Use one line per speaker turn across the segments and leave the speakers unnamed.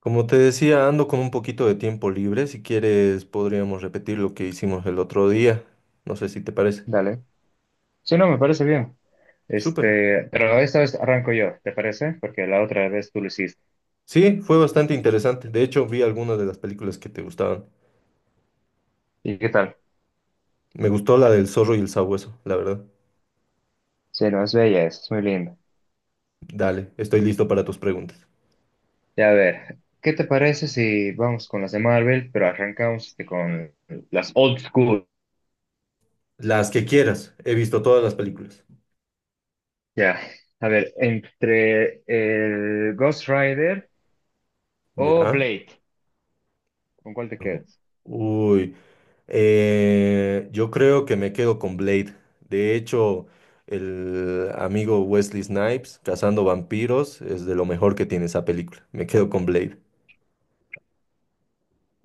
Como te decía, ando con un poquito de tiempo libre. Si quieres, podríamos repetir lo que hicimos el otro día. No sé si te parece.
Dale. Sí, no, me parece bien.
Súper.
Este, pero esta vez arranco yo, ¿te parece? Porque la otra vez tú lo hiciste.
Sí, fue bastante interesante. De hecho, vi algunas de las películas que te gustaban.
¿Y qué tal?
Me gustó la del zorro y el sabueso, la verdad.
Sí, no, es bella, es muy linda.
Dale, estoy listo para tus preguntas.
Ya, a ver, ¿qué te parece si vamos con las de Marvel, pero arrancamos este, con las old school?
Las que quieras. He visto todas las películas.
Ya, a ver, entre el Ghost Rider o
¿Ya?
Blade, ¿con cuál te
No.
quedas?
Uy, yo creo que me quedo con Blade. De hecho, el amigo Wesley Snipes, Cazando Vampiros, es de lo mejor que tiene esa película. Me quedo con Blade.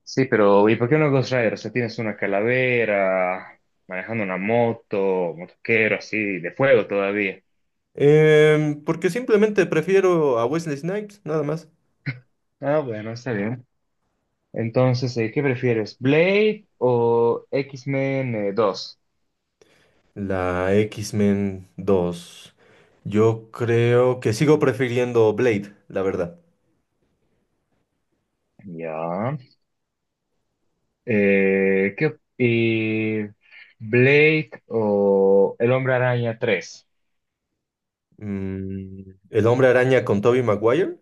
Sí, pero ¿y por qué no Ghost Rider? O sea, tienes una calavera, manejando una moto, motoquero así, de fuego todavía.
Porque simplemente prefiero a Wesley Snipes, nada más.
Ah, bueno, está bien. Entonces, ¿qué prefieres? ¿Blade o X-Men 2?
La X-Men 2. Yo creo que sigo prefiriendo Blade, la verdad.
Ya. Y Blade o El Hombre Araña 3?
El Hombre Araña con Tobey Maguire.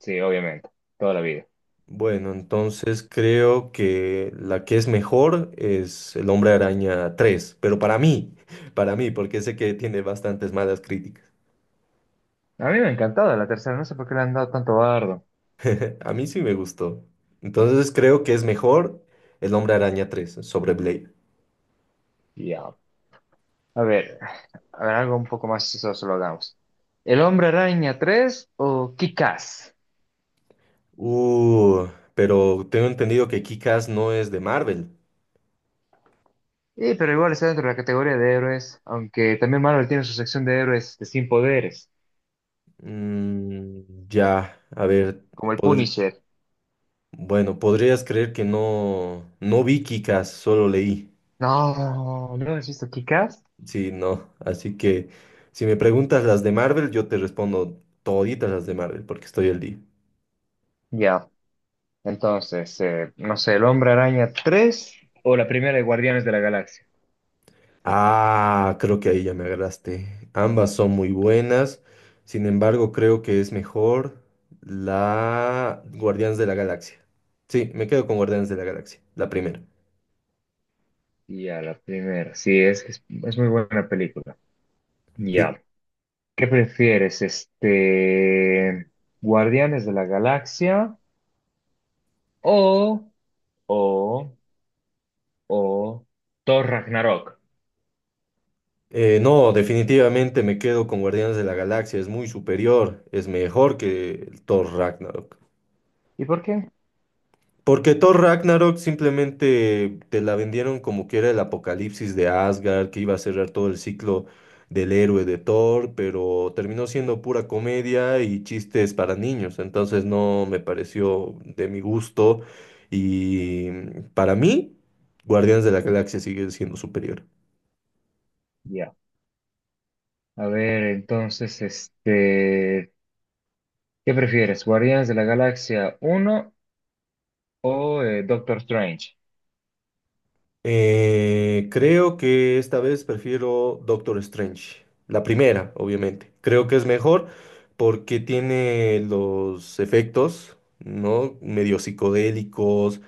Sí, obviamente, toda la vida.
Bueno, entonces creo que la que es mejor es El Hombre Araña 3, pero para mí, para mí, porque sé que tiene bastantes malas críticas.
A mí me ha encantado la tercera, no sé por qué le han dado tanto bardo.
A mí sí me gustó. Entonces creo que es mejor El Hombre Araña tres sobre Blade.
Ya. A ver, a ver, algo un poco más chistoso lo hagamos. ¿El Hombre Araña 3 o Kick-Ass?
Uh, pero tengo entendido que Kick-Ass no es de Marvel.
Sí, pero igual está dentro de la categoría de héroes, aunque también Marvel tiene su sección de héroes de sin poderes.
Ya, a ver,
Como el
podr-
Punisher.
bueno, podrías creer que no, no vi Kick-Ass, solo leí.
No, ¿no has visto Kick-Ass?
Sí, no. Así que si me preguntas las de Marvel, yo te respondo toditas las de Marvel porque estoy al día.
Ya, entonces, no sé, el Hombre Araña 3 o la primera de Guardianes de la Galaxia.
Ah, creo que ahí ya me agarraste. Ambas son muy buenas. Sin embargo, creo que es mejor la Guardianes de la Galaxia. Sí, me quedo con Guardianes de la Galaxia, la primera.
Ya, la primera, sí, es muy buena película.
Sí.
Ya, ¿qué prefieres, este, Guardianes de la Galaxia o, o, o Thor Ragnarok?
No, definitivamente me quedo con Guardianes de la Galaxia. Es muy superior, es mejor que el Thor Ragnarok.
¿Y por qué?
Porque Thor Ragnarok simplemente te la vendieron como que era el apocalipsis de Asgard, que iba a cerrar todo el ciclo del héroe de Thor, pero terminó siendo pura comedia y chistes para niños. Entonces no me pareció de mi gusto. Y para mí, Guardianes de la Galaxia sigue siendo superior.
Ya, a ver, entonces, este, ¿qué prefieres, Guardianes de la Galaxia uno o Doctor Strange?
Creo que esta vez prefiero Doctor Strange. La primera, obviamente. Creo que es mejor porque tiene los efectos, ¿no? Medio psicodélicos,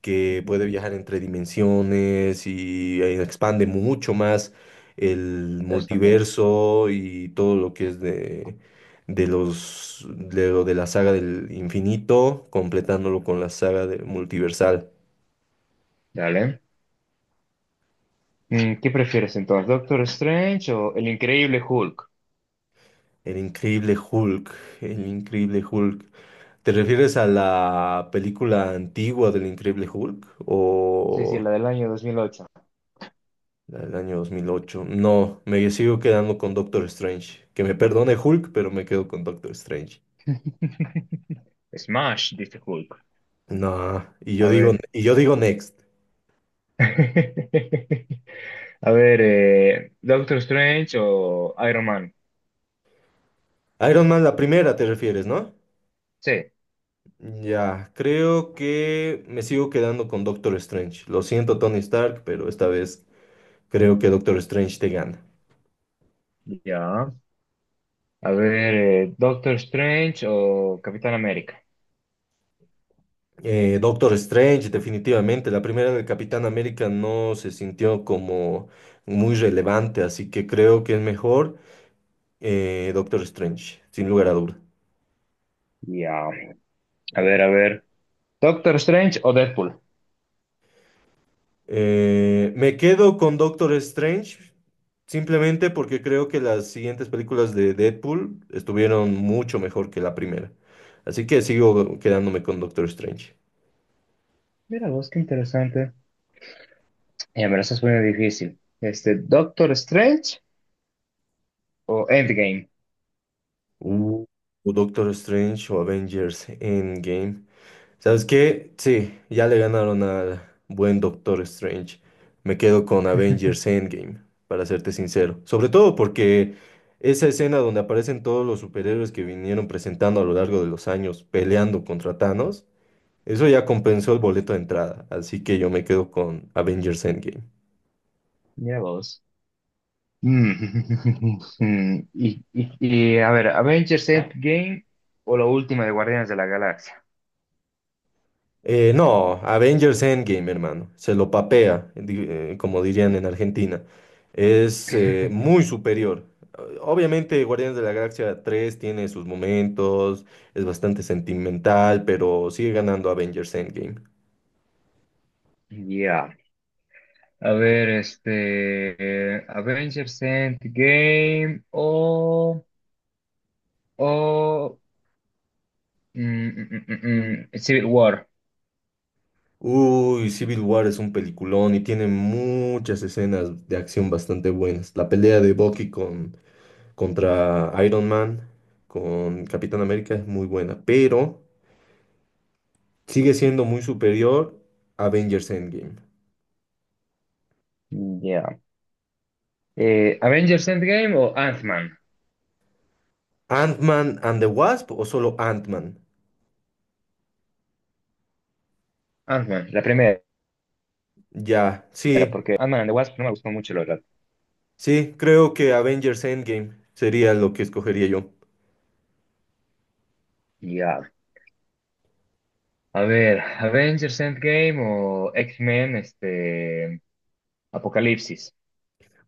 que puede
Ujú.
viajar entre dimensiones y expande mucho más el
Es también.
multiverso y todo lo que es de los, de lo de la saga del infinito, completándolo con la saga del multiversal.
Dale. ¿Qué prefieres entonces, Doctor Strange o El Increíble Hulk?
El increíble Hulk, el increíble Hulk. ¿Te refieres a la película antigua del increíble Hulk
Sí, sí,
o
la del año 2008.
la del año 2008? No, me sigo quedando con Doctor Strange. Que me perdone Hulk, pero me quedo con Doctor Strange.
Smash, dice Hulk.
No,
A ver.
y yo digo Next.
A ver, Doctor Strange o Iron Man.
Iron Man, la primera te refieres, ¿no?
Sí,
Ya, creo que me sigo quedando con Doctor Strange. Lo siento, Tony Stark, pero esta vez creo que Doctor Strange te gana.
ya. A ver, Doctor Strange o Capitán América.
Doctor Strange, definitivamente. La primera del Capitán América no se sintió como muy relevante, así que creo que es mejor Doctor Strange, sin lugar a duda.
Ya. A ver, a ver. Doctor Strange o Deadpool.
Me quedo con Doctor Strange simplemente porque creo que las siguientes películas de Deadpool estuvieron mucho mejor que la primera. Así que sigo quedándome con Doctor Strange.
Mira vos, qué interesante. Ya me lo estás poniendo difícil. Este, Doctor Strange o Endgame.
Uh, o Doctor Strange o Avengers Endgame. ¿Sabes qué? Sí, ya le ganaron al buen Doctor Strange. Me quedo con Avengers Endgame, para serte sincero. Sobre todo porque esa escena donde aparecen todos los superhéroes que vinieron presentando a lo largo de los años peleando contra Thanos, eso ya compensó el boleto de entrada. Así que yo me quedo con Avengers Endgame.
Mira vos. Mm, mm, Y, y, y, a ver, Avengers Endgame o la última de Guardianes de la Galaxia.
No, Avengers Endgame, hermano. Se lo papea, como dirían en Argentina. Es muy superior. Obviamente, Guardianes de la Galaxia 3 tiene sus momentos, es bastante sentimental, pero sigue ganando Avengers Endgame.
Ya. A ver, este, Avengers Endgame o Civil War.
Uy, Civil War es un peliculón y tiene muchas escenas de acción bastante buenas. La pelea de Bucky con, contra Iron Man, con Capitán América es muy buena, pero sigue siendo muy superior a Avengers Endgame.
Ya. Avengers Endgame o Ant-Man.
Ant-Man and the Wasp o solo Ant-Man.
Ant-Man, la primera.
Ya,
Era
sí,
porque Ant-Man and the Wasp no me gustó mucho, la verdad.
sí, creo que Avengers Endgame sería lo que escogería yo.
Ya, a ver, Avengers Endgame o X-Men, este, Apocalipsis.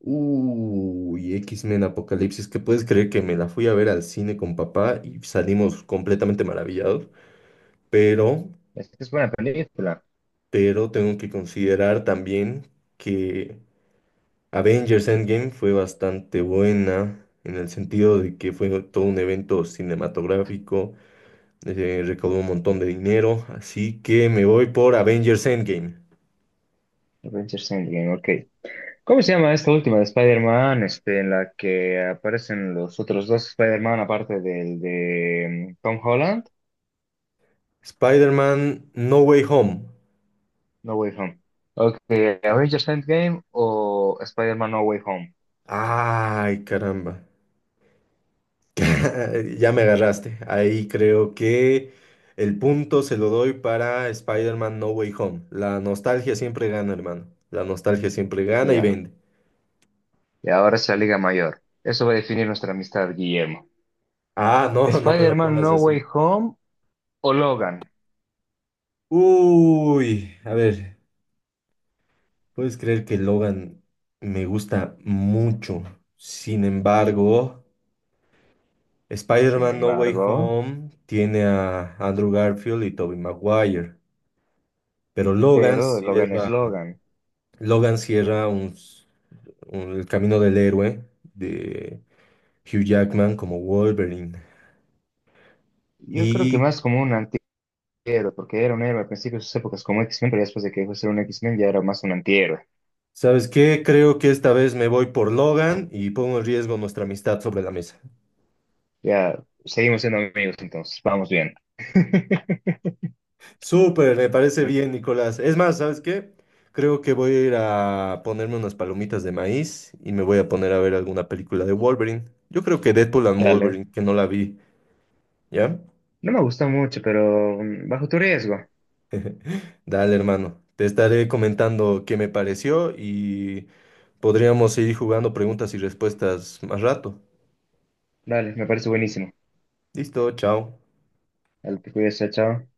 Uy, X-Men Apocalipsis, que puedes creer que me la fui a ver al cine con papá y salimos completamente maravillados, pero,
Esta es buena película.
pero tengo que considerar también que Avengers Endgame fue bastante buena en el sentido de que fue todo un evento cinematográfico recaudó un montón de dinero, así que me voy por Avengers Endgame.
Avengers Endgame, ok. ¿Cómo se llama esta última de Spider-Man, este, en la que aparecen los otros dos Spider-Man aparte del de Tom Holland?
Spider-Man No Way Home.
No Way Home. Ok, Avengers Endgame o Spider-Man No Way Home.
Ay, caramba. Ya me agarraste. Ahí creo que el punto se lo doy para Spider-Man No Way Home. La nostalgia siempre gana, hermano. La nostalgia siempre gana y
Ya,
vende.
y ahora es la Liga Mayor. Eso va a definir nuestra amistad, Guillermo.
Ah, no, no me lo
Spider-Man
pongas
No Way
así.
Home o Logan,
Uy, a ver, ¿puedes creer que Logan me gusta mucho? Sin embargo...
sin
Spider-Man No Way
embargo,
Home tiene a Andrew Garfield y Tobey Maguire, pero
pero Logan es Logan.
Logan cierra el camino del héroe de Hugh Jackman como Wolverine.
Yo creo que
Y,
más como un antihéroe, porque era un héroe al principio de sus épocas como X-Men, pero ya después de que dejó de ser un X-Men ya era más un antihéroe.
¿Sabes qué? Creo que esta vez me voy por Logan y pongo en riesgo nuestra amistad sobre la mesa.
Ya, seguimos siendo amigos entonces, vamos bien.
Súper, me parece bien, Nicolás. Es más, ¿sabes qué? Creo que voy a ir a ponerme unas palomitas de maíz y me voy a poner a ver alguna película de Wolverine. Yo creo que Deadpool and
Dale.
Wolverine, que no la vi, ¿ya?
No me gusta mucho, pero bajo tu riesgo.
Dale, hermano. Te estaré comentando qué me pareció y podríamos seguir jugando preguntas y respuestas más rato.
Dale, me parece buenísimo.
Listo, chao.
Dale, te cuidas, chao. Chao.